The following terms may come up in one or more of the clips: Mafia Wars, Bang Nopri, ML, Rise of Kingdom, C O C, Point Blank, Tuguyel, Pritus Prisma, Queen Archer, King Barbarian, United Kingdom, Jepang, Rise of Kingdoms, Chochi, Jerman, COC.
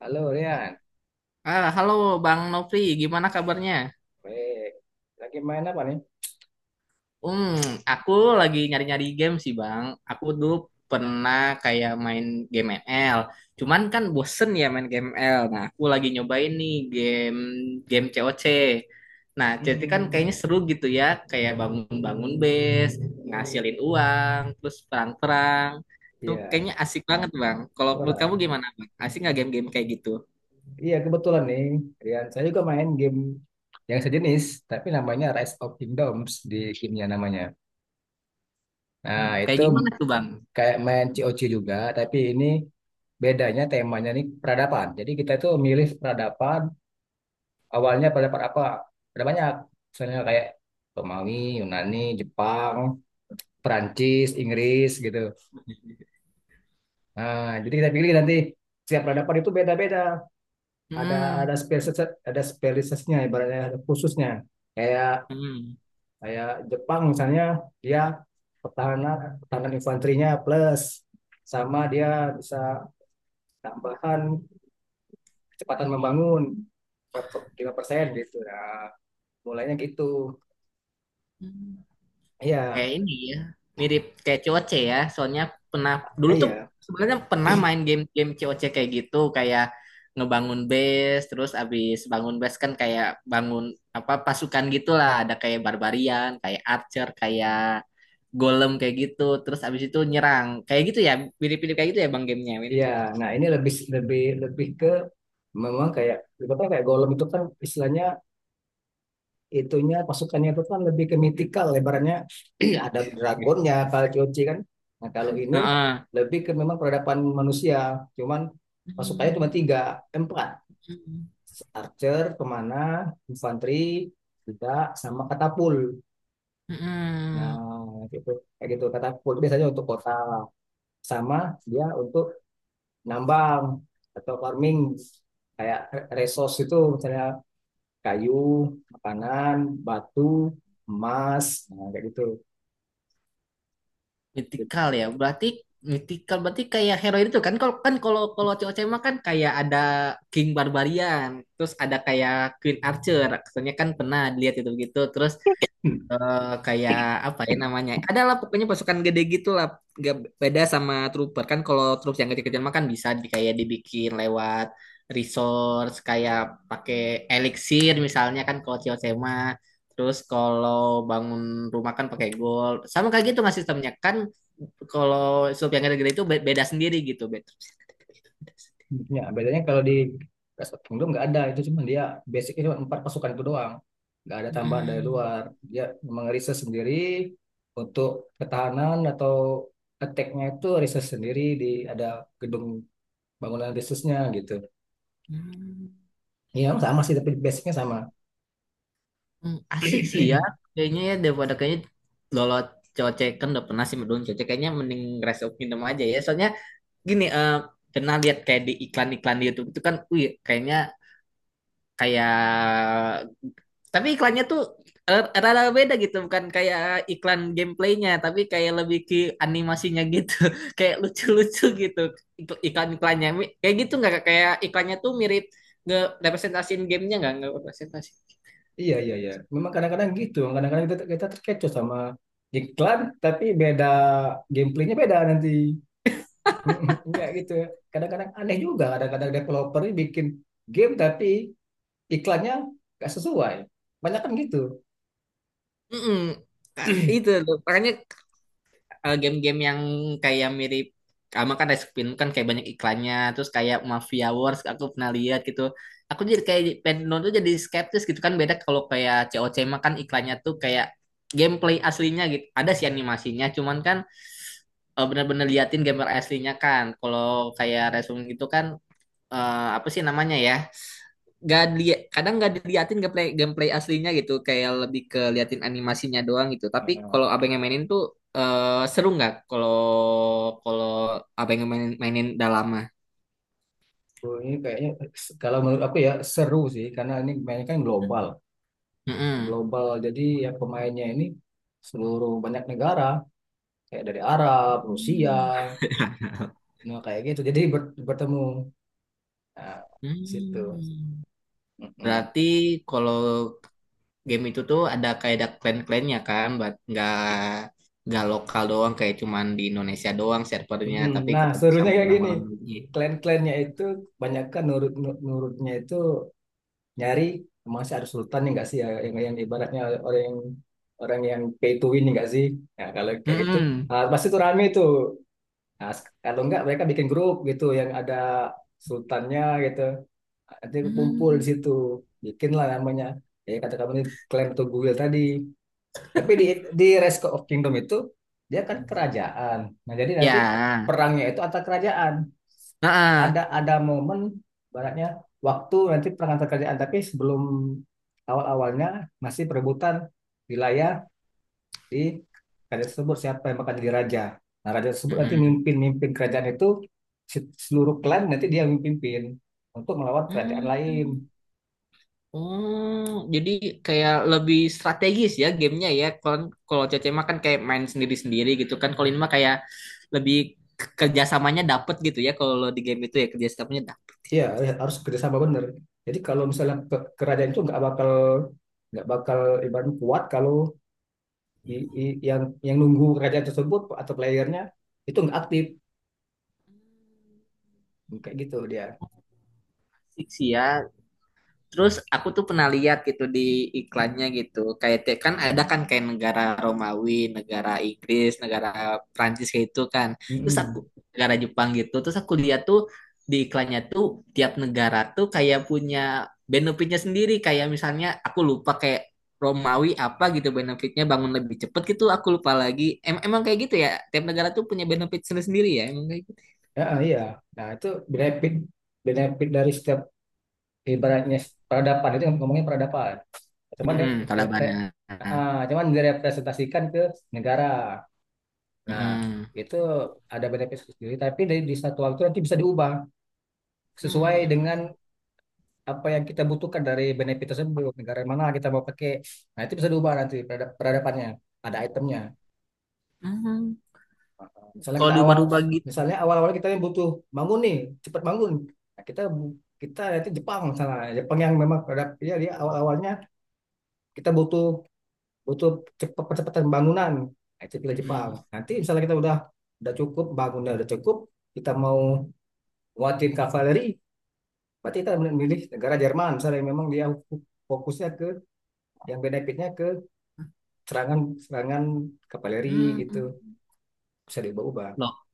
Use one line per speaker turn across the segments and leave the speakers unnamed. Halo Rian,
Ah, halo Bang Nopri, gimana kabarnya?
baik. Lagi main apa nih?
Hmm, aku lagi nyari-nyari game sih Bang. Aku dulu pernah kayak main game ML. Cuman kan bosen ya main game ML. Nah, aku lagi nyobain nih game game C O C. Nah, jadi kan
Hmm,
kayaknya seru gitu ya, kayak bangun-bangun base, ngasilin uang, terus perang-perang. Itu
iya.
kayaknya asik banget Bang. Kalau menurut kamu
Wah,
gimana Bang? Asik nggak game-game kayak gitu?
iya kebetulan nih, Rian. Saya juga main game yang sejenis, tapi namanya Rise of Kingdoms di gamenya namanya. Nah,
Kayak
itu
gimana tuh Bang?
kayak main C O C juga, tapi ini bedanya temanya nih peradaban. Jadi kita itu milih peradaban, awalnya peradaban apa? Ada banyak, misalnya kayak Romawi, Yunani, Jepang, Perancis, Inggris gitu. Nah, jadi kita pilih nanti setiap peradaban itu beda-beda. Ada
Hmm,
ada spesies spesiesnya ibaratnya ada khususnya, kayak kayak Jepang misalnya, dia pertahanan pertahanan infanterinya plus, sama dia bisa tambahan kecepatan membangun lima persen gitu. Nah, mulainya gitu.
hmm.
Iya.
Kayak ini ya, mirip kayak COC ya. Soalnya pernah dulu tuh
Iya,
sebenarnya pernah main game-game COC kayak gitu, kayak ngebangun base, terus abis bangun base kan kayak bangun apa pasukan gitulah, ada kayak barbarian, kayak archer, kayak golem kayak gitu, terus abis itu nyerang. Kayak gitu ya, mirip-mirip kayak gitu ya Bang gamenya.
iya.
Mirip-mirip kayak gitu.
Nah, ini lebih lebih lebih ke memang kayak ibaratnya kayak golem itu kan istilahnya itunya pasukannya itu kan lebih ke mythical lebarannya. Ada dragonnya kalau Chochi kan. Nah, kalau ini
Heeh.
lebih ke memang peradaban manusia, cuman pasukannya cuma
Hmm.
tiga, eh, empat.
Hmm.
Archer kemana, infanteri, tidak sama katapul. Nah,
Hmm.
gitu. Kayak gitu katapul biasanya untuk kota, sama dia untuk nambang atau farming, kayak resource itu misalnya kayu, makanan, batu, emas. Nah, kayak gitu.
Mythical ya. Berarti mythical berarti kayak hero itu kan kalau kalau COC mah kan kayak ada King Barbarian, terus ada kayak Queen Archer. Katanya kan pernah dilihat itu gitu. Terus kayak apa ya namanya? Adalah pokoknya pasukan gede gitu lah. Gak beda sama trooper kan kalau troops yang kecil-kecil makan bisa di, kayak dibikin lewat resource kayak pakai elixir misalnya kan kalau Chiosema. Terus kalau bangun rumah kan pakai gold. Sama kayak gitu nggak sistemnya kan kalau sub yang gede-gede itu beda sendiri gitu. Beda.
Ya, bedanya kalau di United Kingdom nggak ada itu, cuma dia basicnya cuma empat pasukan itu doang, nggak ada tambahan dari
Hmm.
luar. Dia memang riset sendiri untuk ketahanan atau attack-nya itu riset sendiri di, ada gedung bangunan risetnya gitu.
Hmm.
Iya, sama sih tapi basicnya sama.
Asik sih ya. Kayaknya ya daripada kayaknya lolo cocek kan udah pernah sih menurun cocek kayaknya mending Rise of Kingdom aja ya. Soalnya gini pernah lihat kayak di iklan-iklan di YouTube itu kan wih kayaknya kayak tapi iklannya tuh rada beda gitu bukan kayak iklan gameplaynya tapi kayak lebih ke animasinya gitu kayak lucu-lucu gitu iklan-iklannya kayak gitu nggak Kak? Kayak iklannya tuh mirip nge representasiin gamenya nggak representasi.
Iya, iya, iya, memang kadang-kadang gitu, kadang-kadang kita kita terkecoh sama iklan, tapi beda, gameplaynya beda nanti. Ya gitu. Ya. Kadang-kadang aneh juga, kadang-kadang developer ini bikin game tapi iklannya nggak sesuai. Banyak kan gitu.
Mm-mm. Itu loh. Makanya game-game yang kayak mirip sama kan Rice Spin kan kayak banyak iklannya terus kayak Mafia Wars aku pernah lihat gitu, aku jadi kayak pengen nonton jadi skeptis gitu kan beda kalau kayak COC mah kan iklannya tuh kayak gameplay aslinya gitu ada sih animasinya cuman kan bener-bener liatin gamer aslinya kan kalau kayak Resum gitu kan apa sih namanya ya? Gak kadang nggak diliatin gameplay gameplay aslinya gitu, kayak lebih ke liatin animasinya doang gitu. Tapi
Heeh.
kalau abang yang mainin tuh seru nggak? Kalau kalau abang yang mainin, udah lama.
Oh, ini kayaknya, kalau menurut aku ya seru sih karena ini mainnya kan global.
Mm-mm.
Global, jadi ya pemainnya ini seluruh banyak negara, kayak dari Arab, Rusia,
Hmm.
nah kayak gitu. Jadi bertemu, nah, di situ.
Hmm.
Mm-mm.
Berarti kalau game itu tuh ada kayak ada clan-clannya kan, buat nggak lokal doang kayak cuman di Indonesia doang servernya,
Mm-mm.
tapi
Nah,
ketemu
serunya
sama
kayak gini.
orang-orang dunia.
Klan-klannya itu kebanyakan nurut, nurutnya itu nyari, masih ada sultan nih nggak sih ya, yang ibaratnya orang yang, orang yang pay to win nih nggak sih. Nah, kalau kayak gitu,
Hmm.
ah, pasti tuh rame tuh. Nah, kalau nggak mereka bikin grup gitu yang ada sultannya gitu, nanti kumpul di
Hmm.
situ, bikinlah namanya, ya kata kamu ini klaim Tuguyel tadi, tapi di, di Rise of Kingdom itu dia kan kerajaan. Nah, jadi nanti
Ya,
perangnya itu antar kerajaan.
heeh.
Ada momen baratnya waktu nanti perang antar kerajaan, tapi sebelum awal-awalnya masih perebutan wilayah di kerajaan tersebut siapa yang bakal jadi raja. Nah, raja tersebut nanti
Heeh.
mimpin-mimpin kerajaan itu, seluruh klan nanti dia yang untuk melawan kerajaan
Hmm.
lain.
Oh, jadi kayak lebih strategis ya gamenya ya. Kalau kalau Cece mah kan kayak main sendiri-sendiri gitu kan. Kalau ini mah kayak lebih kerjasamanya dapet gitu ya. Kalau di game itu ya kerjasamanya dapet.
Iya, harus kerjasama bener. Jadi kalau misalnya kerajaan itu nggak bakal ibaratnya kuat kalau i- i- yang yang nunggu kerajaan tersebut atau playernya itu nggak aktif, kayak gitu dia.
Asik sih ya. Terus aku tuh pernah lihat gitu di iklannya gitu. Kayak kan ada kan kayak negara Romawi, negara Inggris, negara Prancis kayak itu kan. Terus aku
Mm-mm.
negara Jepang gitu. Terus aku lihat tuh di iklannya tuh tiap negara tuh kayak punya benefitnya sendiri. Kayak misalnya aku lupa kayak Romawi apa gitu benefitnya bangun lebih cepet gitu. Aku lupa lagi. Emang kayak gitu ya. Tiap negara tuh punya benefit sendiri-sendiri ya. Emang kayak gitu.
Ya, iya. Nah itu benefit, benefit dari setiap ibaratnya peradaban itu, ngomongnya peradaban. Cuman dia
Mm-mm,
re- re-
Talibannya.
cuman direpresentasikan ke negara. Nah
Mm-mm.
itu ada benefit sendiri, tapi dari di satu waktu nanti bisa diubah sesuai
Hmm.
dengan apa yang kita butuhkan dari benefit tersebut, negara yang mana kita mau pakai. Nah, itu bisa diubah nanti peradabannya, ada itemnya.
Hmm.
Misalnya
Kalau
kita awal,
diubah-ubah gitu.
misalnya awal-awal kita yang butuh bangun nih, cepat bangun. Nah, kita nanti Jepang misalnya, Jepang yang memang peradap ya, dia awal-awalnya kita butuh, butuh cepat percepatan bangunan. Nah, itu pilih Jepang.
Mm.
Nanti misalnya kita udah cukup, bangunnya udah cukup, kita mau nguatin kavaleri, berarti kita memilih negara Jerman misalnya yang memang dia fokusnya ke, yang benefitnya ke serangan, serangan kavaleri
Hmm.
gitu, bisa diubah-ubah.
Loh,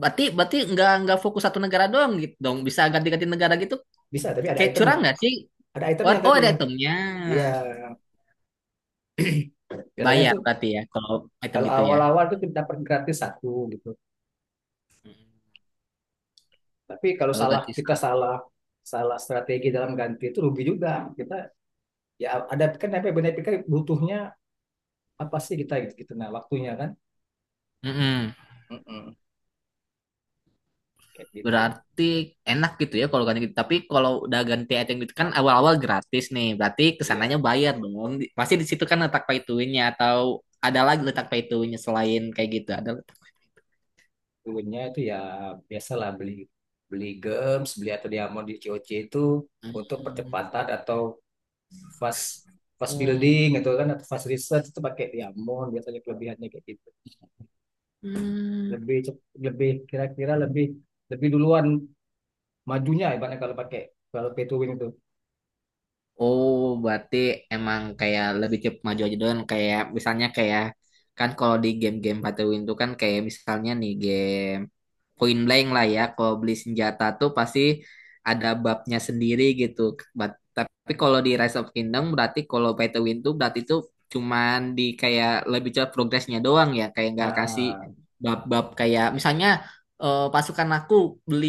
berarti berarti nggak fokus satu negara doang gitu dong. Bisa ganti-ganti negara gitu.
Bisa, tapi ada
Kayak
itemnya.
curang nggak sih?
Ada
What,
itemnya,
oh,
tapi
ada itemnya.
iya biasanya itu,
Bayar berarti ya kalau item
kalau
gitu ya.
awal-awal itu kita dapat gratis satu gitu, tapi kalau
Kalau
salah,
ganti
kita
status.
salah salah strategi dalam ganti itu rugi juga kita. Ya ada kan, tapi benar-benar kan butuhnya apa sih kita gitu, gitu. Nah waktunya kan,
Mm-mm.
Mm-mm. Kayak gitu.
Berarti enak gitu ya kalau ganti gitu. Tapi kalau udah ganti item gitu kan awal-awal gratis nih. Berarti kesananya
Iya,
bayar dong. Pasti di situ kan letak pay to win-nya, atau ada lagi letak pay to win-nya selain kayak gitu. Ada letak.
dulunya itu ya biasalah beli, beli gems, beli atau diamond di COC itu untuk
Hmm.
percepatan atau fast fast
Oh.
building gitu kan, atau fast research itu pakai Diamond biasanya, kelebihannya kayak gitu.
Hmm.
Lebih kira-kira lebih, lebih duluan majunya ibaratnya kalau pakai, kalau pay to win itu.
Oh, berarti emang kayak lebih cepat maju aja doang. Kayak misalnya kayak kan kalau di game-game Battle Win itu kan kayak misalnya nih game point blank lah ya, kalau beli senjata tuh pasti ada babnya sendiri gitu. Tapi kalau di Rise of Kingdom berarti kalau pay to win tuh berarti tuh cuman di kayak lebih cepat progresnya doang ya, kayak nggak kasih
Nah,
bab-bab kayak misalnya pasukan aku beli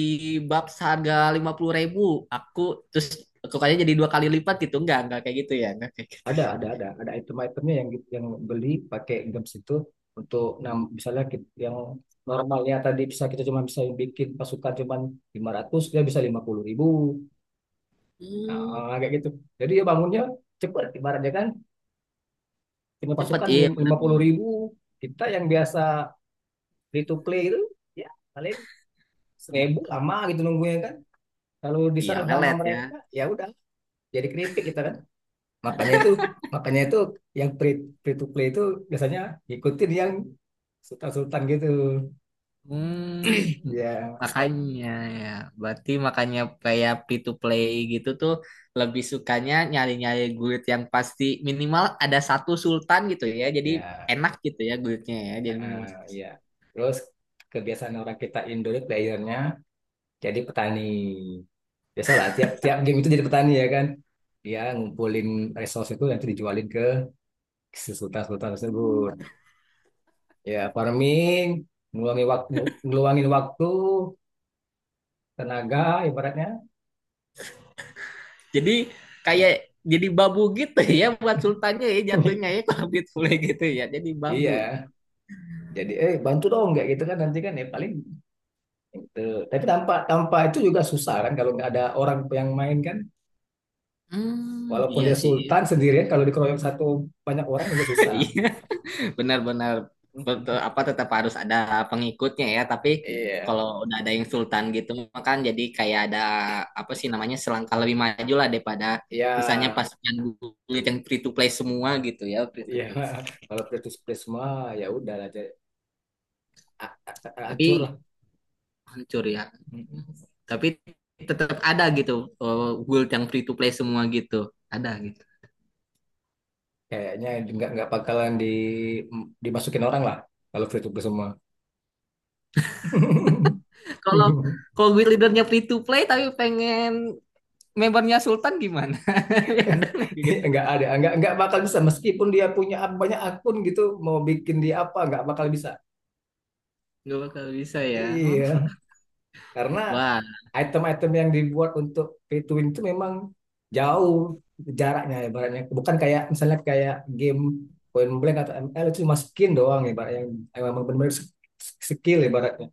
bab seharga 50 ribu, aku terus tukangnya jadi dua kali lipat gitu, nggak kayak gitu ya nggak kayak gitu.
ada ada item-itemnya yang beli pakai games itu untuk, nah, misalnya yang normalnya tadi bisa kita cuma bisa bikin pasukan cuman lima ratus, dia bisa lima puluh ribu.
Hmm,
Nah, kayak gitu. Jadi ya bangunnya cepet ibaratnya kan, punya
cepet
pasukan
iya
lima puluh
benar-benar
ribu. Kita yang biasa free to play itu ya paling seribu, lama gitu nunggunya kan, kalau
iya
diserang sama
lelet ya.
mereka ya udah, jadi keripik kita kan. Makanya itu makanya itu yang free, free to play itu biasanya ikutin yang sultan-sultan gitu.
Hmm,
Ya.
makanya ya, berarti makanya kayak free to play gitu tuh lebih sukanya nyari-nyari guild yang pasti minimal ada satu sultan gitu ya. Jadi
Ya,
enak gitu ya guildnya ya. Jadi minimal satu.
ya. Terus kebiasaan orang kita Indo itu playernya jadi petani, biasalah tiap tiap game itu jadi petani ya kan, dia ngumpulin resource itu nanti dijualin ke si sultan-sultan tersebut. Ya, farming, ngeluangin waktu, ngeluangin waktu, tenaga ibaratnya.
Jadi
Ya.
kayak jadi babu gitu ya buat sultannya ya jatuhnya ya kalau free to play gitu ya. Jadi babu ya.
Iya, jadi bantu dong kayak gitu kan, nanti kan ya paling gitu. Tapi tanpa tanpa itu juga susah kan kalau nggak ada orang yang main kan.
Hmm,
Walaupun
iya
dia
sih.
sultan sendirian, kalau dikeroyok satu banyak orang juga susah.
Iya. Benar-benar
Mm-mm.
apa tetap harus ada pengikutnya ya, tapi
Iya,
kalau udah ada yang sultan gitu kan jadi kayak ada apa sih namanya selangkah lebih maju lah daripada
iya,
misalnya pasukan gulit yang free to play semua gitu ya free to
iya.
play
Kalau Pritus Prisma ya udah aja, acur
tapi
lah.
hancur ya,
Mm-mm.
tapi tetap ada gitu guild yang free to play semua gitu ada gitu
Kayaknya nggak bakalan dimasukin orang lah kalau Pritus Prisma.
kalau kalau guild leadernya free to play tapi pengen membernya sultan gimana ada nggak gitu
Nggak ada, nggak bakal bisa, meskipun dia punya banyak akun gitu mau bikin, dia apa nggak bakal bisa.
nggak bakal bisa ya. Hmm.
Iya, karena
Wah.
item-item yang dibuat untuk pay to win itu memang jauh jaraknya ibaratnya. Bukan kayak misalnya kayak game Point Blank atau ML itu cuma skin doang ibaratnya, yang memang benar-benar skill ibaratnya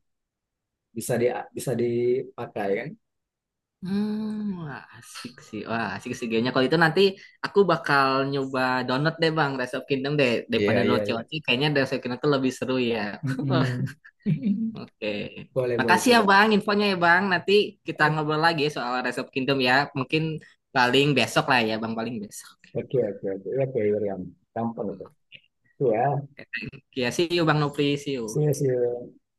bisa di, bisa dipakai kan.
Wah asik sih. Wah, asik sih kayaknya. Kalau itu nanti aku bakal nyoba download deh Bang, Rise of Kingdom deh. Daripada
Iya, iya, iya.
Roche-Oce, kayaknya Rise of Kingdom tuh lebih seru ya.
Mm-mm.
Oke.
Boleh, boleh
Makasih ya
coba.
Bang, infonya ya Bang. Nanti kita ngobrol lagi soal Rise of Kingdom ya. Mungkin paling besok lah ya Bang, paling besok.
Ok, ok, ok, ok, Adrián. Tan pronto. Tú, ah,
Oke, see you Bang Nopri, see
Sí,
you.
sí,